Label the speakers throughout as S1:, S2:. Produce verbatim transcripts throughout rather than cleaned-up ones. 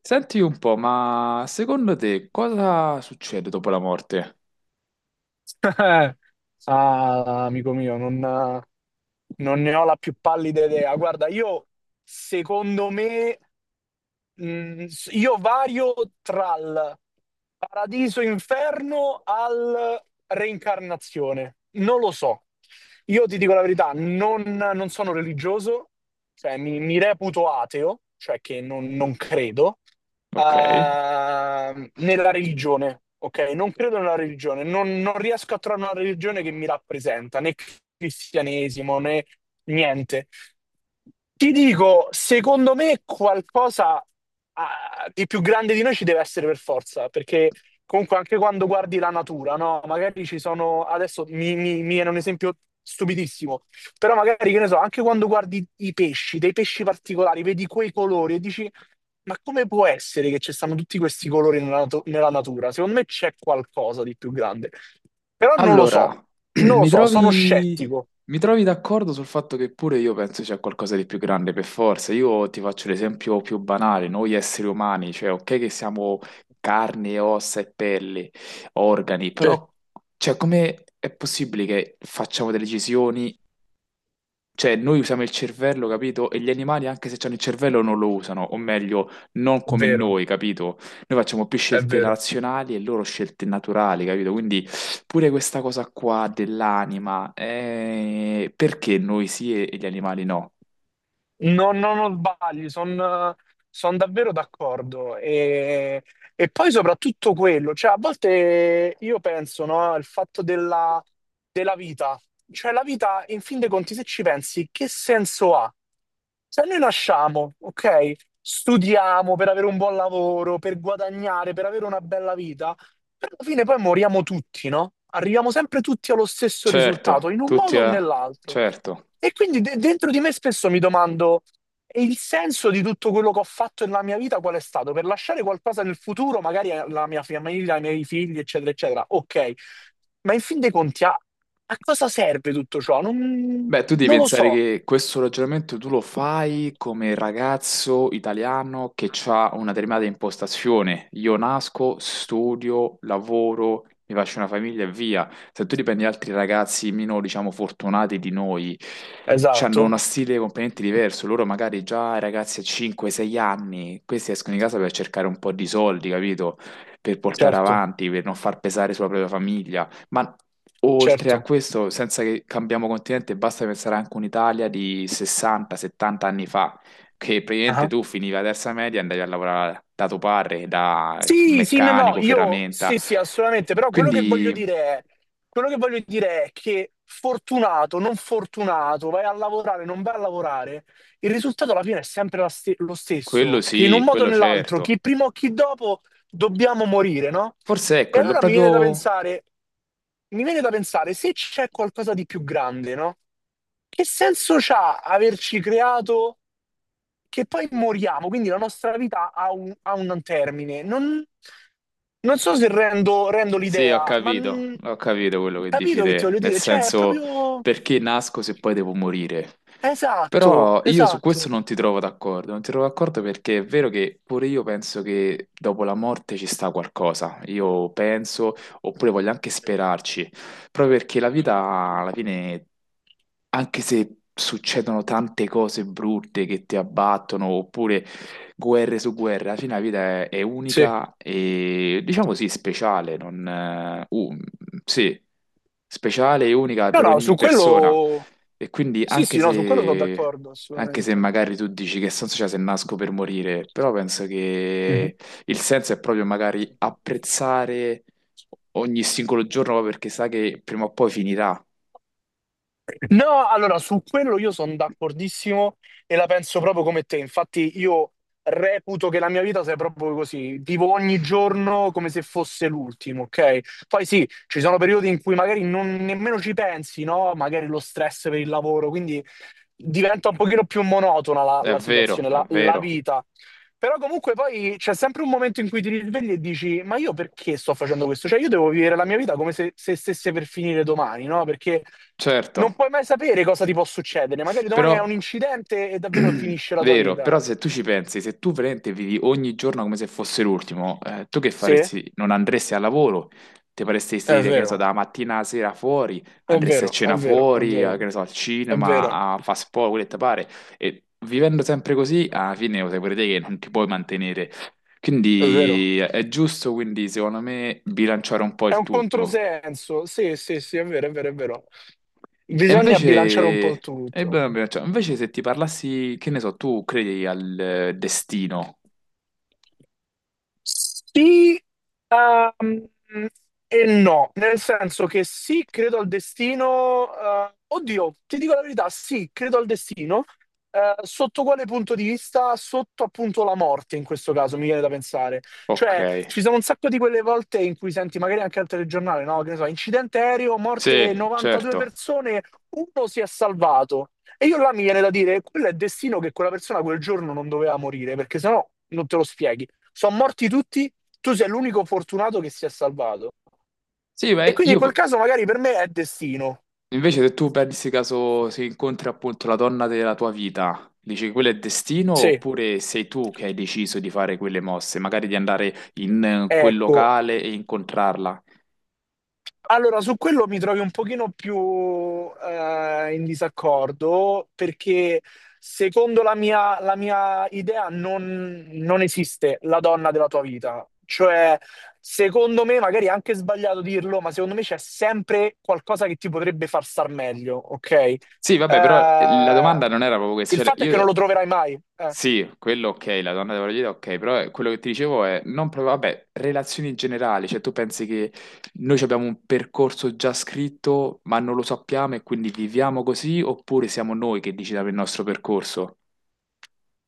S1: Senti un po', ma secondo te cosa succede dopo la morte?
S2: Ah, amico mio, non, non ne ho la più pallida idea. Guarda, io secondo me. Mm, s- io vario tra il paradiso inferno al reincarnazione. Non lo so. Io ti dico la verità, non, non sono religioso, cioè mi, mi reputo ateo, cioè che non, non credo
S1: Ok.
S2: ehm, nella religione, ok? Non credo nella religione, non, non riesco a trovare una religione che mi rappresenta, né cristianesimo né niente. Ti dico, secondo me qualcosa ah, di più grande di noi ci deve essere per forza, perché comunque anche quando guardi la natura, no? Magari ci sono, adesso mi, mi, mi viene un esempio stupidissimo, però magari, che ne so, anche quando guardi i pesci, dei pesci particolari, vedi quei colori e dici, ma come può essere che ci stanno tutti questi colori nella, natu- nella natura? Secondo me c'è qualcosa di più grande. Però non lo
S1: Allora,
S2: so, non lo
S1: mi
S2: so, sono
S1: trovi,
S2: scettico.
S1: mi trovi d'accordo sul fatto che pure io penso c'è qualcosa di più grande per forza. Io ti faccio l'esempio più banale, noi esseri umani, cioè ok che siamo carne, e ossa e pelli, organi,
S2: Sì. È
S1: però cioè, come è possibile che facciamo delle decisioni? Cioè, noi usiamo il cervello, capito? E gli animali, anche se hanno il cervello, non lo usano, o meglio, non come
S2: vero,
S1: noi, capito? Noi facciamo più
S2: è
S1: scelte
S2: vero.
S1: razionali e loro scelte naturali, capito? Quindi pure questa cosa qua dell'anima, eh, perché noi sì e e gli animali no?
S2: No, no, non sbagli, sono davvero d'accordo. E, e poi soprattutto quello, cioè a volte io penso, no, al fatto della, della vita. Cioè la vita, in fin dei conti, se ci pensi, che senso ha? Se noi nasciamo, ok? Studiamo per avere un buon lavoro, per guadagnare, per avere una bella vita. Però alla fine poi moriamo tutti, no? Arriviamo sempre tutti allo stesso
S1: Certo,
S2: risultato, in un
S1: tutti,
S2: modo o
S1: a-
S2: nell'altro.
S1: certo.
S2: E quindi de- dentro di me spesso mi domando, e il senso di tutto quello che ho fatto nella mia vita qual è stato? Per lasciare qualcosa nel futuro, magari alla mia famiglia, ai miei figli, eccetera, eccetera. Ok, ma in fin dei conti, a, a cosa serve tutto ciò? Non,
S1: Beh, tu devi
S2: non lo
S1: pensare
S2: so.
S1: che questo ragionamento tu lo fai come ragazzo italiano che ha una determinata impostazione. Io nasco, studio, lavoro, mi faccio una famiglia e via. Se tu riprendi altri ragazzi meno, diciamo, fortunati di noi, hanno uno
S2: Esatto,
S1: stile completamente diverso. Loro magari già ragazzi a cinque sei anni, questi escono di casa per cercare un po' di soldi, capito? Per portare
S2: certo,
S1: avanti, per non far pesare sulla propria famiglia. Ma oltre a
S2: certo.
S1: questo, senza che cambiamo continente, basta pensare anche a un'Italia di sessanta settanta anni fa, che praticamente
S2: Ah.
S1: tu finivi la terza media e andavi a lavorare da tuo padre, da
S2: Sì, sì, no, no,
S1: meccanico,
S2: io
S1: ferramenta.
S2: sì, sì, assolutamente, però quello che voglio
S1: Quindi
S2: dire è, quello che voglio dire è che fortunato, non fortunato, vai a lavorare, non vai a lavorare, il risultato alla fine è sempre la ste- lo
S1: quello
S2: stesso, che in un
S1: sì,
S2: modo o
S1: quello
S2: nell'altro,
S1: certo.
S2: chi prima o chi dopo, dobbiamo morire, no?
S1: Forse ecco, è
S2: E
S1: quello
S2: allora mi viene da
S1: proprio.
S2: pensare, mi viene da pensare se c'è qualcosa di più grande, no? Che senso c'ha averci creato che poi moriamo? Quindi la nostra vita ha un, ha un termine. Non, non so se rendo, rendo
S1: Sì, ho
S2: l'idea, ma
S1: capito,
S2: mm,
S1: ho capito quello che dici
S2: capito che ti
S1: te,
S2: voglio
S1: nel
S2: dire? Cioè, è
S1: senso,
S2: proprio...
S1: perché nasco se poi devo morire.
S2: Esatto,
S1: Però io su questo
S2: esatto.
S1: non ti trovo d'accordo, non ti trovo d'accordo perché è vero che pure io penso che dopo la morte ci sta qualcosa, io penso, oppure voglio anche sperarci, proprio perché la vita alla fine anche se succedono tante cose brutte che ti abbattono, oppure guerre su guerre, alla fine la vita è, è
S2: Sì.
S1: unica e diciamo sì, speciale. Non, eh, un- sì, speciale e unica
S2: No,
S1: per
S2: no,
S1: ogni
S2: su
S1: persona.
S2: quello...
S1: E quindi
S2: Sì,
S1: anche
S2: sì, no, su quello sono
S1: se,
S2: d'accordo,
S1: anche se
S2: assolutamente.
S1: magari tu dici che senso c'è se nasco per morire, però penso
S2: Mhm.
S1: che il senso è proprio magari apprezzare ogni singolo giorno proprio perché sa che prima o poi finirà.
S2: No, allora su quello io sono d'accordissimo e la penso proprio come te. Infatti, io reputo che la mia vita sia proprio così. Vivo ogni giorno come se fosse l'ultimo, ok? Poi sì, ci sono periodi in cui magari non nemmeno ci pensi, no? Magari lo stress per il lavoro, quindi diventa un pochino più monotona la,
S1: È
S2: la
S1: vero,
S2: situazione,
S1: è
S2: la, la
S1: vero.
S2: vita. Però comunque poi c'è sempre un momento in cui ti risvegli e dici, ma io perché sto facendo questo? Cioè io devo vivere la mia vita come se, se stesse per finire domani, no? Perché
S1: Certo,
S2: non puoi mai sapere cosa ti può succedere. Magari domani è
S1: però,
S2: un incidente e davvero finisce la tua
S1: vero,
S2: vita.
S1: però se tu ci pensi, se tu veramente vivi ogni giorno come se fosse l'ultimo, eh, tu che
S2: Sì, è
S1: faresti? Non andresti al lavoro, ti faresti stare, che ne so,
S2: vero,
S1: dalla mattina alla sera fuori,
S2: è
S1: andresti a
S2: vero, è
S1: cena
S2: vero, è
S1: fuori, a- che
S2: vero,
S1: ne so, al
S2: è
S1: cinema,
S2: vero,
S1: a fast food, quello che ti pare, e vivendo sempre così, alla fine lo sai pure te che non ti puoi mantenere.
S2: è vero.
S1: Quindi eh, è giusto, quindi, secondo me, bilanciare un po'
S2: È
S1: il
S2: un
S1: tutto.
S2: controsenso. Sì, sì, sì, è vero, è vero, è vero.
S1: E
S2: Bisogna
S1: invece,
S2: bilanciare un po'
S1: e beh,
S2: tutto.
S1: abbiamo- cioè, invece se ti parlassi, che ne so, tu credi al eh, destino?
S2: Sì, ehm, e no, nel senso che sì, credo al destino. Eh, oddio, ti dico la verità, sì, credo al destino. Eh, sotto quale punto di vista? Sotto appunto la morte, in questo caso, mi viene da pensare.
S1: Ok,
S2: Cioè, ci sono un sacco di quelle volte in cui senti magari anche al telegiornale, no? Che ne so, incidente aereo,
S1: sì,
S2: morte novantadue
S1: certo.
S2: persone, uno si è salvato. E io là mi viene da dire, quello è destino che quella persona quel giorno non doveva morire, perché sennò non te lo spieghi. Sono morti tutti, tu sei l'unico fortunato che si è salvato.
S1: Sì,
S2: E
S1: beh,
S2: quindi in
S1: io
S2: quel
S1: p-
S2: caso magari per me è destino.
S1: invece se tu pensi caso si incontri appunto la donna della tua vita, dici quello è destino
S2: Sì,
S1: oppure sei tu che hai deciso di fare quelle mosse, magari di andare in eh, quel
S2: ecco,
S1: locale e incontrarla?
S2: allora, su quello mi trovi un pochino più eh, in disaccordo perché secondo la mia, la mia idea non, non esiste la donna della tua vita. Cioè, secondo me, magari è anche sbagliato dirlo, ma secondo me c'è sempre qualcosa che ti potrebbe far star meglio, ok? Eh,
S1: Sì, vabbè, però eh, la domanda non era proprio
S2: il
S1: questa, cioè
S2: fatto è che non lo
S1: io.
S2: troverai mai. Eh.
S1: Sì, quello ok, la donna della vita ok, però eh, quello che ti dicevo è, non proprio, vabbè, relazioni generali, cioè tu pensi che noi ci abbiamo un percorso già scritto, ma non lo sappiamo e quindi viviamo così, oppure siamo noi che decidiamo il nostro percorso?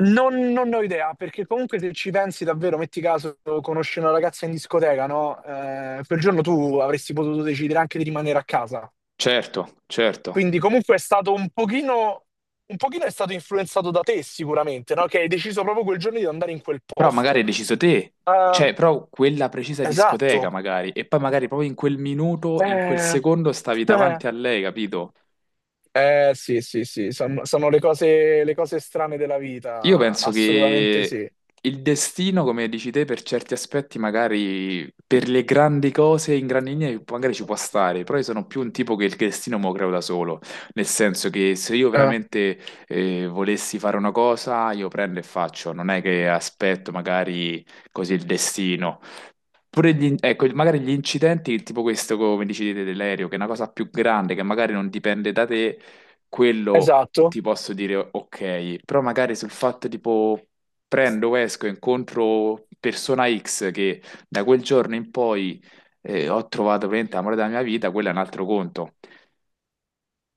S2: Non, non ne ho idea, perché comunque se ci pensi davvero, metti caso, conosci una ragazza in discoteca, no? Eh, quel giorno tu avresti potuto decidere anche di rimanere a casa.
S1: Certo, certo,
S2: Quindi comunque è stato un pochino, un pochino è stato influenzato da te sicuramente, no? Che hai deciso proprio quel giorno di andare in quel
S1: però magari
S2: posto.
S1: hai deciso te,
S2: Eh,
S1: cioè, però quella precisa discoteca
S2: esatto.
S1: magari, e poi magari proprio in quel minuto, in quel
S2: Eh,
S1: secondo stavi
S2: eh,
S1: davanti a lei, capito?
S2: eh, sì, sì, sì, sono, sono le cose, le cose strane della
S1: Io
S2: vita,
S1: penso
S2: assolutamente
S1: che
S2: sì.
S1: il destino, come dici te, per certi aspetti, magari per le grandi cose in grandi linee, magari ci può stare, però io sono più un tipo che il destino me lo creo da solo, nel senso che se io
S2: Eh,
S1: veramente eh, volessi fare una cosa, io prendo e faccio, non è che aspetto magari così il destino. Pure gli, in- ecco, magari gli incidenti, tipo questo, come dici te, dell'aereo, che è una cosa più grande, che magari non dipende da te, quello
S2: esatto,
S1: ti posso dire ok, però magari sul fatto tipo prendo, esco, incontro persona ics che da quel giorno in poi eh, ho trovato veramente l'amore della mia vita, quello è un altro conto.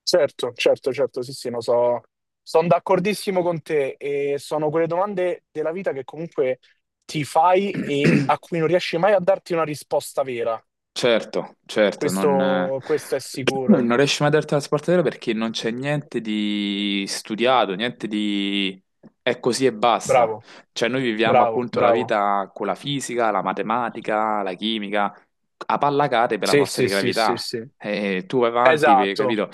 S2: certo, certo, certo, sì, sì, no, so, sono d'accordissimo con te e sono quelle domande della vita che comunque ti fai e a cui non riesci mai a darti una risposta vera,
S1: Certo, certo, non, eh,
S2: questo, questo è sicuro.
S1: non riesci mai a darti la spartatela perché non c'è niente di studiato, niente di... è così e basta.
S2: Bravo,
S1: Cioè noi viviamo
S2: bravo,
S1: appunto la
S2: bravo.
S1: vita con la fisica, la matematica, la chimica, a pallacate per la
S2: Sì,
S1: forza
S2: sì,
S1: di
S2: sì, sì,
S1: gravità.
S2: sì.
S1: E tu vai avanti, per-
S2: Esatto,
S1: capito?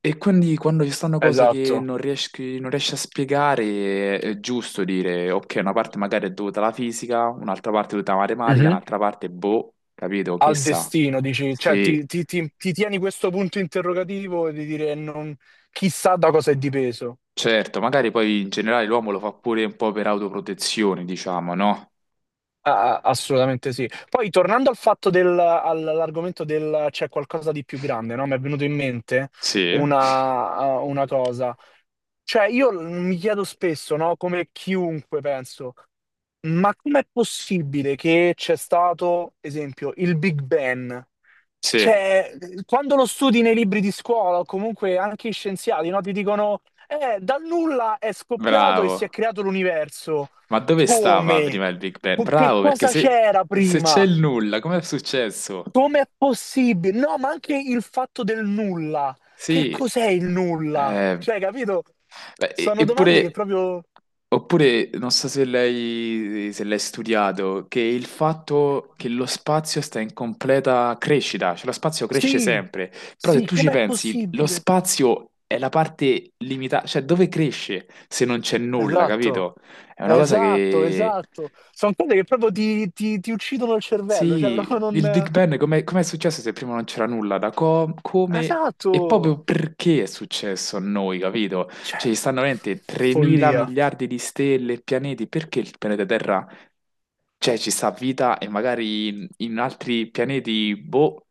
S1: E quindi quando ci stanno cose che
S2: esatto.
S1: non riesci, non riesci a spiegare, è giusto dire, ok, una parte magari è dovuta alla fisica, un'altra parte è dovuta alla matematica,
S2: Mhm.
S1: un'altra parte, boh, capito, che
S2: Al
S1: sa.
S2: destino, dici, cioè
S1: Sì,
S2: ti, ti- ti- ti tieni questo punto interrogativo e di dire non, chissà da cosa è dipeso.
S1: certo, magari poi in generale l'uomo lo fa pure un po' per autoprotezione, diciamo, no?
S2: Ah, ah, assolutamente sì. Poi tornando al fatto del, all'argomento del c'è qualcosa di più grande, no? Mi è venuto in mente
S1: Sì,
S2: una, ah, una cosa. Cioè, io l- mi chiedo spesso, no? Come chiunque penso, ma com'è possibile che c'è stato, esempio, il Big Bang?
S1: sì,
S2: Cioè, quando lo studi nei libri di scuola o comunque anche i scienziati, no, ti dicono, eh, dal nulla è scoppiato e si è
S1: bravo.
S2: creato l'universo.
S1: Ma dove stava
S2: Come?
S1: prima il Big Bang?
S2: Co- Che
S1: Bravo, perché
S2: cosa
S1: se,
S2: c'era
S1: se c'è
S2: prima?
S1: il nulla, com'è successo?
S2: Com'è possibile? No, ma anche il fatto del nulla. Che
S1: Sì,
S2: cos'è il nulla?
S1: eh,
S2: Cioè, capito?
S1: beh, e-
S2: Sono domande che
S1: eppure,
S2: proprio...
S1: oppure, non so se lei, se l'hai studiato, che il fatto che lo spazio sta in completa crescita, cioè lo spazio cresce
S2: Sì,
S1: sempre, però se
S2: sì,
S1: tu ci
S2: com'è
S1: pensi, lo
S2: possibile?
S1: spazio è la parte limitata, cioè dove cresce se non c'è nulla,
S2: Esatto,
S1: capito? È una cosa
S2: esatto,
S1: che...
S2: esatto. Sono cose che proprio ti, ti- ti uccidono il cervello, cioè
S1: Sì,
S2: proprio
S1: il
S2: non...
S1: Big Bang com'è com'è successo se prima non c'era nulla? Da co- come
S2: Esatto,
S1: e proprio perché è successo a noi, capito?
S2: cioè,
S1: Cioè, ci stanno veramente tremila
S2: follia.
S1: miliardi di stelle e pianeti, perché il pianeta Terra, cioè, ci sta vita e magari in, in altri pianeti, boh,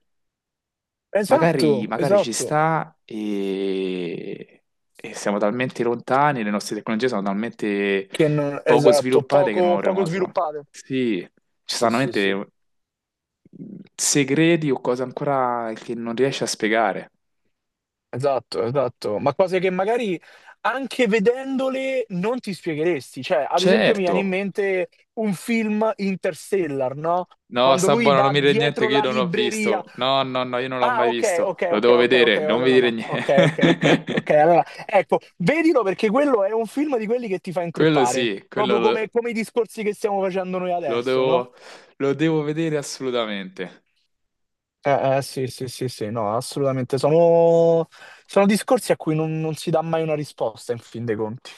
S2: Esatto,
S1: magari, magari ci
S2: esatto.
S1: sta e... e siamo talmente lontani, le nostre tecnologie sono talmente
S2: Che non...
S1: poco
S2: Esatto,
S1: sviluppate che non
S2: poco, poco
S1: avremo...
S2: sviluppate.
S1: Sì, ci
S2: Sì,
S1: stanno
S2: sì, sì.
S1: veramente segreti o cose ancora che non riesci a spiegare.
S2: Esatto, esatto, ma cose che magari anche vedendole non ti spiegheresti. Cioè, ad esempio mi viene in
S1: Certo.
S2: mente un film Interstellar, no,
S1: No,
S2: quando
S1: sta
S2: lui
S1: buono, non
S2: va
S1: mi dire niente
S2: dietro
S1: che io
S2: la
S1: non l'ho
S2: libreria.
S1: visto. No, no, no, io non l'ho
S2: Ah
S1: mai
S2: okay,
S1: visto.
S2: okay,
S1: Lo
S2: okay,
S1: devo
S2: okay,
S1: vedere,
S2: okay,
S1: non mi
S2: allora
S1: dire
S2: no. Okay, okay, okay,
S1: niente.
S2: okay, allora ecco, vedilo perché quello è un film di quelli che ti fa
S1: Quello
S2: intrippare,
S1: sì, quello
S2: proprio come
S1: lo,
S2: come i discorsi che stiamo facendo noi
S1: lo
S2: adesso, no.
S1: devo, lo devo vedere assolutamente.
S2: Eh, eh, sì, sì, sì, sì, no, assolutamente. Sono sono discorsi a cui non non si dà mai una risposta in fin dei conti.